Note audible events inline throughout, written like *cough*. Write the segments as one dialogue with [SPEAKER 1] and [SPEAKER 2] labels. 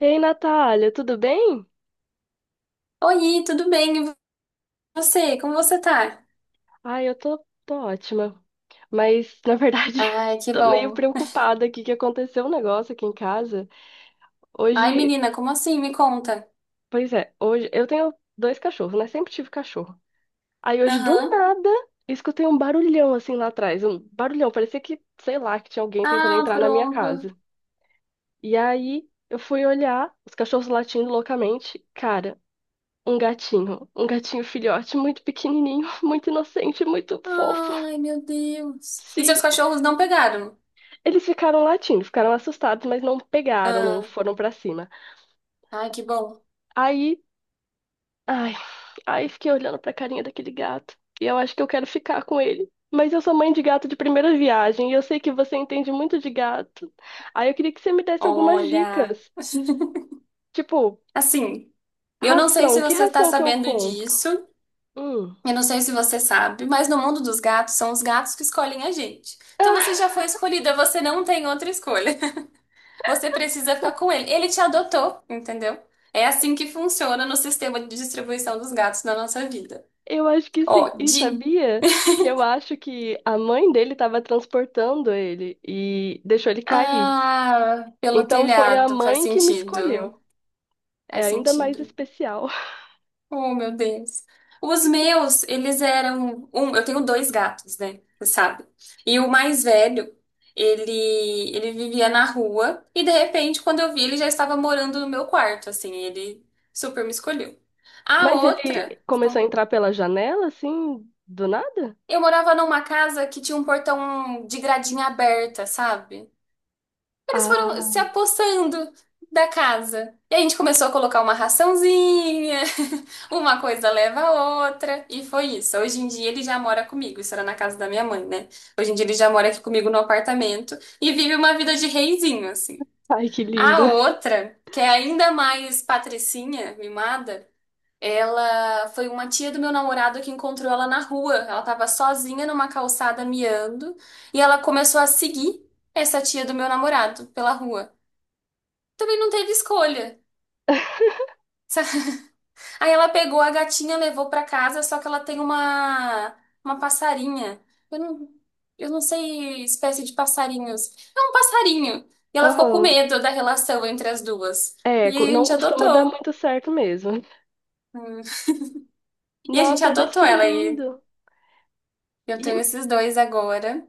[SPEAKER 1] Ei, Natália, tudo bem?
[SPEAKER 2] Oi, tudo bem? E você? Como você tá?
[SPEAKER 1] Ai, eu tô ótima. Mas, na verdade, *laughs*
[SPEAKER 2] Ai, que
[SPEAKER 1] tô meio
[SPEAKER 2] bom.
[SPEAKER 1] preocupada aqui que aconteceu um negócio aqui em casa.
[SPEAKER 2] Ai,
[SPEAKER 1] Hoje,
[SPEAKER 2] menina, como assim? Me conta.
[SPEAKER 1] Pois é, hoje eu tenho dois cachorros, né? Sempre tive cachorro. Aí hoje, do
[SPEAKER 2] Aham.
[SPEAKER 1] nada, escutei um barulhão assim lá atrás. Um barulhão, parecia que, sei lá, que tinha alguém tentando
[SPEAKER 2] Ah,
[SPEAKER 1] entrar na minha
[SPEAKER 2] pronto.
[SPEAKER 1] casa. E aí eu fui olhar, os cachorros latindo loucamente. Cara, um gatinho filhote, muito pequenininho, *laughs* muito inocente, muito fofo.
[SPEAKER 2] Ai, meu Deus. E seus
[SPEAKER 1] Sim,
[SPEAKER 2] cachorros não pegaram?
[SPEAKER 1] eles ficaram latindo, ficaram assustados, mas não pegaram, não
[SPEAKER 2] Ah,
[SPEAKER 1] foram pra cima.
[SPEAKER 2] ai, que bom.
[SPEAKER 1] Aí, ai, aí fiquei olhando pra carinha daquele gato. E eu acho que eu quero ficar com ele. Mas eu sou mãe de gato de primeira viagem e eu sei que você entende muito de gato. Aí eu queria que você me desse algumas
[SPEAKER 2] Olha.
[SPEAKER 1] dicas.
[SPEAKER 2] *laughs*
[SPEAKER 1] Tipo,
[SPEAKER 2] Assim, eu não sei se
[SPEAKER 1] que
[SPEAKER 2] você está
[SPEAKER 1] ração que eu
[SPEAKER 2] sabendo
[SPEAKER 1] compro?
[SPEAKER 2] disso,
[SPEAKER 1] Hum.
[SPEAKER 2] eu não sei se você sabe, mas no mundo dos gatos são os gatos que escolhem a gente. Então
[SPEAKER 1] Ah,
[SPEAKER 2] você já foi escolhida, você não tem outra escolha. Você precisa ficar com ele. Ele te adotou, entendeu? É assim que funciona no sistema de distribuição dos gatos na nossa vida.
[SPEAKER 1] eu acho que sim.
[SPEAKER 2] Ó,
[SPEAKER 1] E
[SPEAKER 2] de.
[SPEAKER 1] sabia que eu acho que a mãe dele estava transportando ele e deixou ele cair.
[SPEAKER 2] Ah, pelo
[SPEAKER 1] Então foi a
[SPEAKER 2] telhado, faz
[SPEAKER 1] mãe que me escolheu.
[SPEAKER 2] sentido.
[SPEAKER 1] É
[SPEAKER 2] Faz
[SPEAKER 1] ainda mais
[SPEAKER 2] sentido.
[SPEAKER 1] especial. *laughs*
[SPEAKER 2] Oh, meu Deus. Os meus, eles eram. Um, eu tenho dois gatos, né? Você sabe? E o mais velho, ele, ele vivia na rua. E de repente, quando eu vi, ele já estava morando no meu quarto, assim. Ele super me escolheu. A
[SPEAKER 1] Mas
[SPEAKER 2] outra.
[SPEAKER 1] ele começou a entrar pela janela, assim, do nada?
[SPEAKER 2] Eu morava numa casa que tinha um portão de gradinha aberta, sabe? Eles foram se
[SPEAKER 1] Ah,
[SPEAKER 2] apossando da casa. E a gente começou a colocar uma raçãozinha, *laughs* uma coisa leva a outra, e foi isso. Hoje em dia ele já mora comigo, isso era na casa da minha mãe, né? Hoje em dia ele já mora aqui comigo no apartamento e vive uma vida de reizinho, assim.
[SPEAKER 1] ai, que lindo.
[SPEAKER 2] A outra, que é ainda mais patricinha, mimada, ela foi uma tia do meu namorado que encontrou ela na rua. Ela estava sozinha numa calçada miando e ela começou a seguir essa tia do meu namorado pela rua. Também não teve escolha. *laughs* Aí ela pegou a gatinha, levou para casa, só que ela tem uma passarinha. Eu não, eu não sei espécie de passarinhos. É um passarinho. E ela ficou com
[SPEAKER 1] Aham.
[SPEAKER 2] medo da relação entre as duas. E
[SPEAKER 1] É,
[SPEAKER 2] aí a
[SPEAKER 1] não
[SPEAKER 2] gente
[SPEAKER 1] costuma dar
[SPEAKER 2] adotou.
[SPEAKER 1] muito certo mesmo.
[SPEAKER 2] Hum. E a gente
[SPEAKER 1] Nossa, mas
[SPEAKER 2] adotou
[SPEAKER 1] que
[SPEAKER 2] ela e
[SPEAKER 1] lindo.
[SPEAKER 2] eu
[SPEAKER 1] E
[SPEAKER 2] tenho esses dois agora.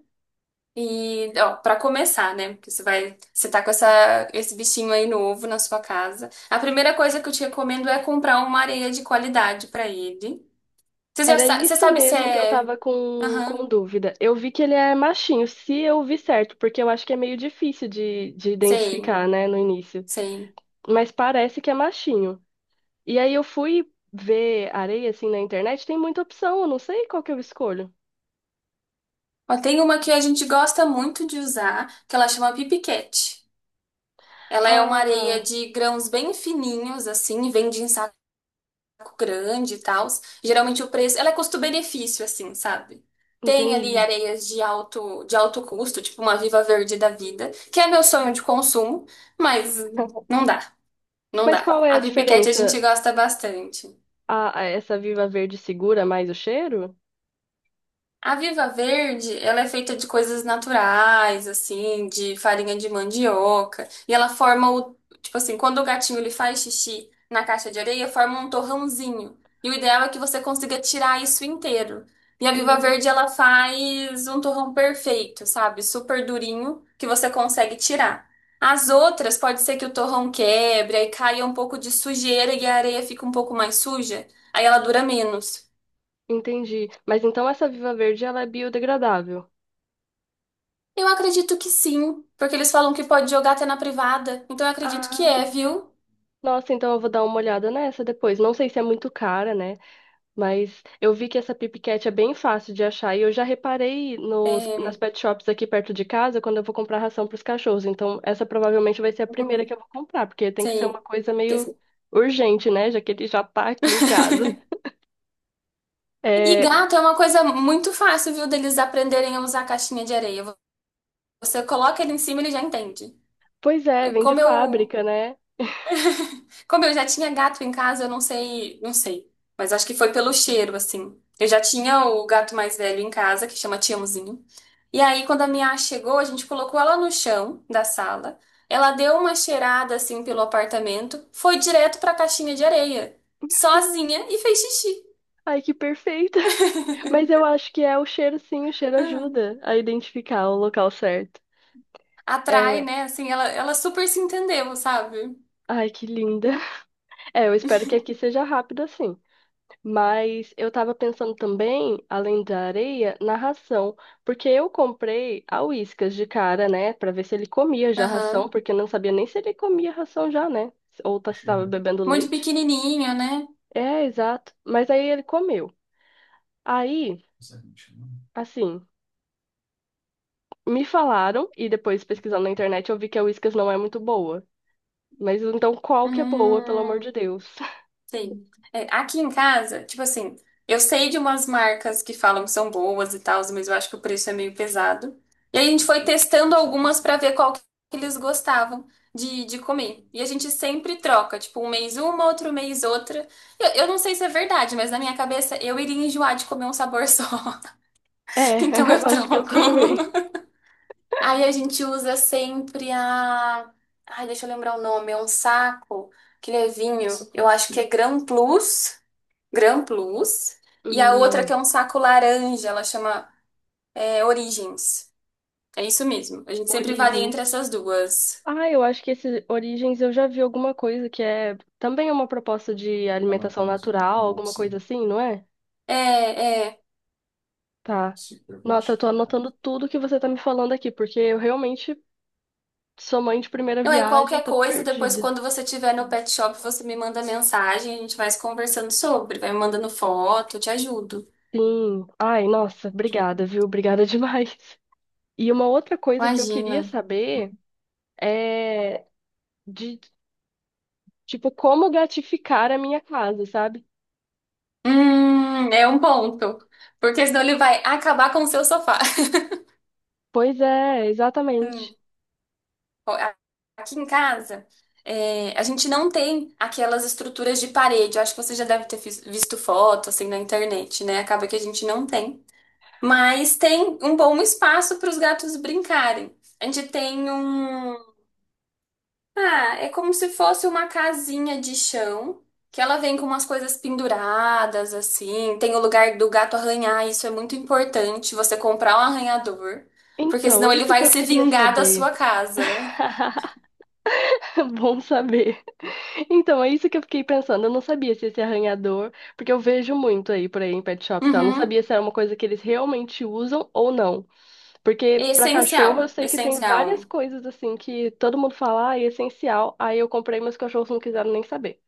[SPEAKER 2] E, ó, para começar, né? Porque você tá com esse bichinho aí novo na sua casa. A primeira coisa que eu te recomendo é comprar uma areia de qualidade para ele.
[SPEAKER 1] era
[SPEAKER 2] Você
[SPEAKER 1] isso
[SPEAKER 2] sabe se
[SPEAKER 1] mesmo que eu
[SPEAKER 2] é.
[SPEAKER 1] tava com,
[SPEAKER 2] Aham,
[SPEAKER 1] dúvida. Eu vi que ele é machinho, se eu vi certo, porque eu acho que é meio difícil de
[SPEAKER 2] sei,
[SPEAKER 1] identificar, né, no início.
[SPEAKER 2] sei.
[SPEAKER 1] Mas parece que é machinho. E aí eu fui ver areia, assim, na internet, tem muita opção, eu não sei qual que eu escolho.
[SPEAKER 2] Ó, tem uma que a gente gosta muito de usar, que ela chama Pipiquete. Ela é uma areia
[SPEAKER 1] Ah,
[SPEAKER 2] de grãos bem fininhos, assim, vende em grande e tal. Geralmente o preço, ela é custo-benefício, assim, sabe? Tem ali
[SPEAKER 1] entendi.
[SPEAKER 2] areias de alto custo, tipo uma Viva Verde da vida, que é meu sonho de consumo, mas não
[SPEAKER 1] *laughs*
[SPEAKER 2] dá, não
[SPEAKER 1] Mas
[SPEAKER 2] dá.
[SPEAKER 1] qual é a
[SPEAKER 2] A Pipiquete a gente
[SPEAKER 1] diferença?
[SPEAKER 2] gosta bastante.
[SPEAKER 1] A essa Viva Verde segura mais o cheiro?
[SPEAKER 2] A Viva Verde, ela é feita de coisas naturais, assim, de farinha de mandioca, e ela forma o, tipo assim, quando o gatinho ele faz xixi na caixa de areia, forma um torrãozinho. E o ideal é que você consiga tirar isso inteiro. E a Viva Verde,
[SPEAKER 1] Hum,
[SPEAKER 2] ela faz um torrão perfeito, sabe? Super durinho, que você consegue tirar. As outras, pode ser que o torrão quebre, aí caia um pouco de sujeira e a areia fica um pouco mais suja, aí ela dura menos.
[SPEAKER 1] entendi. Mas então essa Viva Verde ela é biodegradável.
[SPEAKER 2] Eu acredito que sim, porque eles falam que pode jogar até na privada. Então eu acredito que é,
[SPEAKER 1] Ah,
[SPEAKER 2] viu?
[SPEAKER 1] nossa, então eu vou dar uma olhada nessa depois. Não sei se é muito cara, né? Mas eu vi que essa Pip Cat é bem fácil de achar e eu já reparei nos,
[SPEAKER 2] É,
[SPEAKER 1] nas pet shops aqui perto de casa quando eu vou comprar ração para os cachorros. Então, essa provavelmente vai ser a primeira
[SPEAKER 2] uhum,
[SPEAKER 1] que eu vou comprar, porque tem que ser uma
[SPEAKER 2] sim.
[SPEAKER 1] coisa
[SPEAKER 2] Que-
[SPEAKER 1] meio urgente, né? Já que ele já tá aqui em casa.
[SPEAKER 2] *laughs* E
[SPEAKER 1] É,
[SPEAKER 2] gato é uma coisa muito fácil, viu, deles aprenderem a usar a caixinha de areia. Você coloca ele em cima, ele já entende.
[SPEAKER 1] pois é, vem de
[SPEAKER 2] Como eu
[SPEAKER 1] fábrica, né?
[SPEAKER 2] Como eu já tinha gato em casa, eu não sei, não sei. Mas acho que foi pelo cheiro, assim. Eu já tinha o gato mais velho em casa, que chama Tiãozinho. E aí, quando a minha chegou, a gente colocou ela no chão da sala. Ela deu uma cheirada, assim, pelo apartamento. Foi direto pra caixinha de areia. Sozinha e fez xixi.
[SPEAKER 1] Ai, que perfeita! *laughs* Mas eu acho que é o cheiro, sim, o cheiro
[SPEAKER 2] Hum.
[SPEAKER 1] ajuda a identificar o local certo.
[SPEAKER 2] Atrai,
[SPEAKER 1] É,
[SPEAKER 2] né? Assim, ela super se entendeu, sabe?
[SPEAKER 1] ai, que linda! *laughs* É, eu espero que aqui seja rápido assim. Mas eu tava pensando também, além da areia, na ração. Porque eu comprei a Whiskas de cara, né? Pra ver se ele comia já a ração,
[SPEAKER 2] Aham.
[SPEAKER 1] porque eu não sabia nem se ele comia ração já, né? Ou se tava bebendo
[SPEAKER 2] Muito
[SPEAKER 1] leite.
[SPEAKER 2] pequenininha, né?
[SPEAKER 1] É, exato. Mas aí ele comeu. Aí, assim, me falaram, e depois pesquisando na internet eu vi que a Whiskas não é muito boa. Mas então qual que é boa, pelo amor de
[SPEAKER 2] Hum.
[SPEAKER 1] Deus? *laughs*
[SPEAKER 2] Sim. É, aqui em casa, tipo assim, eu sei de umas marcas que falam que são boas e tal, mas eu acho que o preço é meio pesado. E aí a gente foi testando algumas pra ver qual que eles gostavam de comer. E a gente sempre troca, tipo, um mês uma, outro mês outra. Eu não sei se é verdade, mas na minha cabeça eu iria enjoar de comer um sabor só. *laughs*
[SPEAKER 1] É,
[SPEAKER 2] Então
[SPEAKER 1] eu
[SPEAKER 2] eu
[SPEAKER 1] acho que eu
[SPEAKER 2] troco.
[SPEAKER 1] também.
[SPEAKER 2] Aí a gente usa sempre a. Ai, deixa eu lembrar o nome, é um saco que ele é vinho. Eu acho que é Gran Plus. Gran Plus. E a outra que é
[SPEAKER 1] Hum,
[SPEAKER 2] um saco laranja, ela chama é, Origins. É isso mesmo. A gente sempre varia entre
[SPEAKER 1] origens.
[SPEAKER 2] essas duas.
[SPEAKER 1] Ah, eu acho que esse Origens eu já vi alguma coisa que é também uma proposta de alimentação natural, alguma coisa assim, não é?
[SPEAKER 2] É, é.
[SPEAKER 1] Tá. Nossa, eu tô anotando tudo que você tá me falando aqui, porque eu realmente sou mãe de primeira
[SPEAKER 2] Não é
[SPEAKER 1] viagem,
[SPEAKER 2] qualquer
[SPEAKER 1] tô
[SPEAKER 2] coisa, depois
[SPEAKER 1] perdida.
[SPEAKER 2] quando você estiver no pet shop, você me manda mensagem, a gente vai se conversando sobre, vai me mandando foto, eu te ajudo.
[SPEAKER 1] Sim. Ai, nossa, obrigada, viu? Obrigada *laughs* demais. E uma outra coisa que eu queria
[SPEAKER 2] Imagina.
[SPEAKER 1] saber é de, tipo, como gratificar a minha casa, sabe?
[SPEAKER 2] É um ponto. Porque senão ele vai acabar com o seu sofá.
[SPEAKER 1] Pois é, exatamente.
[SPEAKER 2] *laughs* Ó, a- Aqui em casa, é, a gente não tem aquelas estruturas de parede. Eu acho que você já deve ter fis- visto foto assim na internet, né? Acaba que a gente não tem. Mas tem um bom espaço para os gatos brincarem. A gente tem um. Ah, é como se fosse uma casinha de chão, que ela vem com umas coisas penduradas, assim. Tem o lugar do gato arranhar, isso é muito importante. Você comprar um arranhador, porque
[SPEAKER 1] Então,
[SPEAKER 2] senão ele
[SPEAKER 1] isso que
[SPEAKER 2] vai
[SPEAKER 1] eu
[SPEAKER 2] se
[SPEAKER 1] queria
[SPEAKER 2] vingar da
[SPEAKER 1] saber.
[SPEAKER 2] sua casa.
[SPEAKER 1] *laughs* *laughs* Bom saber. Então, é isso que eu fiquei pensando. Eu não sabia se esse arranhador, porque eu vejo muito aí por aí em pet shop, e tal. Eu não sabia
[SPEAKER 2] Uhum.
[SPEAKER 1] se era uma coisa que eles realmente usam ou não. Porque pra cachorro eu
[SPEAKER 2] Essencial,
[SPEAKER 1] sei que tem várias
[SPEAKER 2] essencial.
[SPEAKER 1] coisas assim que todo mundo fala, ah, é essencial. Aí eu comprei, mas os cachorros não quiseram nem saber.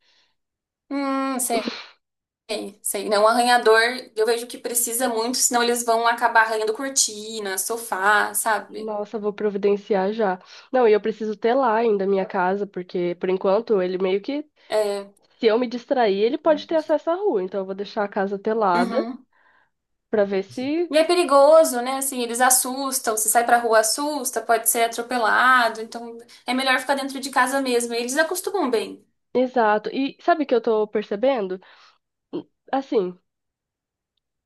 [SPEAKER 2] Sei, sei. Não, arranhador, eu vejo que precisa muito, senão eles vão acabar arranhando cortina, sofá, sabe?
[SPEAKER 1] Nossa, vou providenciar já. Não, e eu preciso ter lá ainda a minha casa, porque por enquanto ele meio que,
[SPEAKER 2] É,
[SPEAKER 1] se eu me distrair, ele pode ter acesso à rua. Então eu vou deixar a casa telada
[SPEAKER 2] uhum.
[SPEAKER 1] pra ver se.
[SPEAKER 2] E é perigoso, né? Assim, eles assustam, se sai pra rua assusta, pode ser atropelado, então é melhor ficar dentro de casa mesmo. Eles acostumam bem.
[SPEAKER 1] Exato. E sabe o que eu tô percebendo? Assim,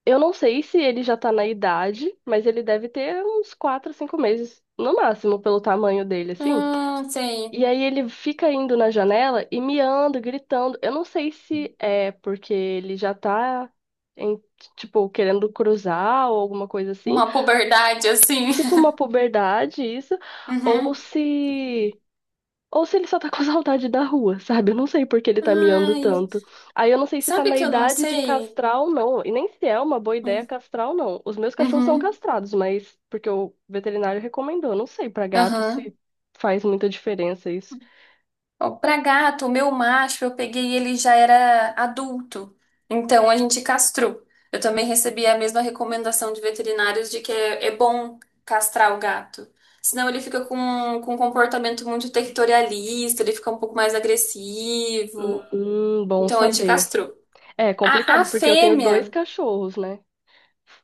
[SPEAKER 1] eu não sei se ele já tá na idade, mas ele deve ter uns 4 5 meses no máximo, pelo tamanho dele, assim.
[SPEAKER 2] Sei.
[SPEAKER 1] E aí ele fica indo na janela e miando, gritando. Eu não sei se é porque ele já tá, em, tipo, querendo cruzar ou alguma coisa assim.
[SPEAKER 2] Uma puberdade assim.
[SPEAKER 1] Tipo
[SPEAKER 2] *laughs*
[SPEAKER 1] uma puberdade, isso. Ou
[SPEAKER 2] Uhum.
[SPEAKER 1] se. Ou se ele só tá com *laughs* saudade da rua, sabe? Eu não sei por que ele tá miando
[SPEAKER 2] Ai,
[SPEAKER 1] tanto. Aí eu não sei se tá
[SPEAKER 2] sabe
[SPEAKER 1] na
[SPEAKER 2] que eu não
[SPEAKER 1] idade de
[SPEAKER 2] sei?
[SPEAKER 1] castrar ou não. E nem se é uma boa ideia castrar ou não. Os meus cachorros são
[SPEAKER 2] Uhum.
[SPEAKER 1] castrados, mas porque o veterinário recomendou. Não sei pra gato
[SPEAKER 2] Uhum.
[SPEAKER 1] se faz muita diferença isso.
[SPEAKER 2] Ó, pra gato, o meu macho, eu peguei ele já era adulto, então a gente castrou. Eu também recebi a mesma recomendação de veterinários de é bom castrar o gato. Senão ele fica com um comportamento muito territorialista, ele fica um pouco mais agressivo.
[SPEAKER 1] Bom
[SPEAKER 2] Então a gente
[SPEAKER 1] saber.
[SPEAKER 2] castrou.
[SPEAKER 1] É
[SPEAKER 2] A
[SPEAKER 1] complicado, porque eu tenho dois
[SPEAKER 2] fêmea,
[SPEAKER 1] cachorros, né?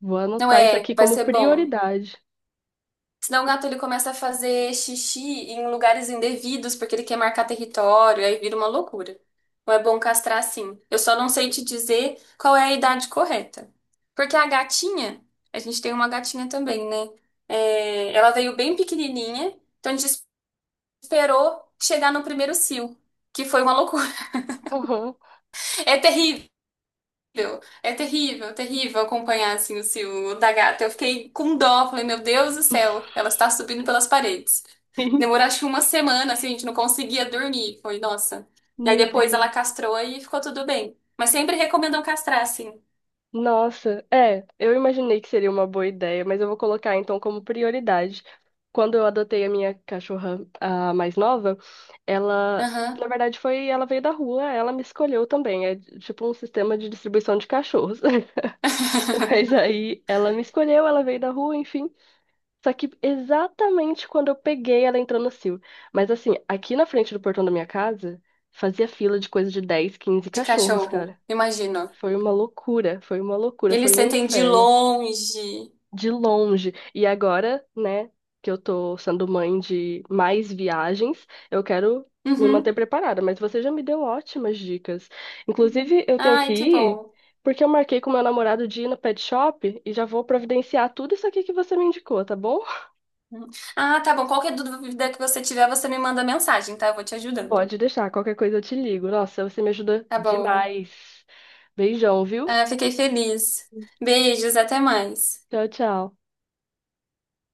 [SPEAKER 1] Vou
[SPEAKER 2] não
[SPEAKER 1] anotar isso
[SPEAKER 2] é,
[SPEAKER 1] aqui
[SPEAKER 2] vai
[SPEAKER 1] como
[SPEAKER 2] ser bom.
[SPEAKER 1] prioridade.
[SPEAKER 2] Senão o gato ele começa a fazer xixi em lugares indevidos porque ele quer marcar território, aí vira uma loucura. Então é bom castrar sim. Eu só não sei te dizer qual é a idade correta. Porque a gatinha, a gente tem uma gatinha também, né? É, ela veio bem pequenininha, então a gente esperou chegar no primeiro cio, que foi uma loucura. *laughs*
[SPEAKER 1] Aham.
[SPEAKER 2] É é terrível acompanhar assim o ciúme da gata. Eu fiquei com dó, falei, meu Deus do céu, ela está subindo pelas paredes. Demorou
[SPEAKER 1] *laughs*
[SPEAKER 2] acho que uma semana, assim, a gente não conseguia dormir. Foi, nossa. Daí
[SPEAKER 1] Meu
[SPEAKER 2] depois ela
[SPEAKER 1] Deus.
[SPEAKER 2] castrou e ficou tudo bem. Mas sempre recomendam castrar, assim.
[SPEAKER 1] Nossa, é, eu imaginei que seria uma boa ideia, mas eu vou colocar então como prioridade. Quando eu adotei a minha cachorra, a mais nova, ela, na
[SPEAKER 2] Aham.
[SPEAKER 1] verdade, foi, ela veio da rua, ela me escolheu também. É tipo um sistema de distribuição de cachorros. *laughs* Mas
[SPEAKER 2] *laughs*
[SPEAKER 1] aí ela me escolheu, ela veio da rua, enfim. Só que exatamente quando eu peguei, ela entrou no cio. Mas assim, aqui na frente do portão da minha casa, fazia fila de coisa de 10, 15
[SPEAKER 2] De
[SPEAKER 1] cachorros,
[SPEAKER 2] cachorro,
[SPEAKER 1] cara.
[SPEAKER 2] imagino.
[SPEAKER 1] Foi uma loucura, foi uma loucura,
[SPEAKER 2] Eles
[SPEAKER 1] foi um
[SPEAKER 2] sentem de
[SPEAKER 1] inferno
[SPEAKER 2] longe.
[SPEAKER 1] de longe. E agora, né, que eu tô sendo mãe de mais viagens, eu quero me manter
[SPEAKER 2] Uhum.
[SPEAKER 1] preparada, mas você já me deu ótimas dicas. Inclusive, eu tenho que
[SPEAKER 2] Ai, que
[SPEAKER 1] ir
[SPEAKER 2] bom.
[SPEAKER 1] porque eu marquei com meu namorado de ir no pet shop e já vou providenciar tudo isso aqui que você me indicou, tá bom?
[SPEAKER 2] Uhum. Ah, tá bom. Qualquer dúvida que você tiver, você me manda mensagem, tá? Eu vou te ajudando.
[SPEAKER 1] Pode deixar, qualquer coisa eu te ligo. Nossa, você me ajuda
[SPEAKER 2] Tá bom.
[SPEAKER 1] demais. Beijão, viu?
[SPEAKER 2] Ah, fiquei feliz. Beijos, até mais.
[SPEAKER 1] Tchau, tchau.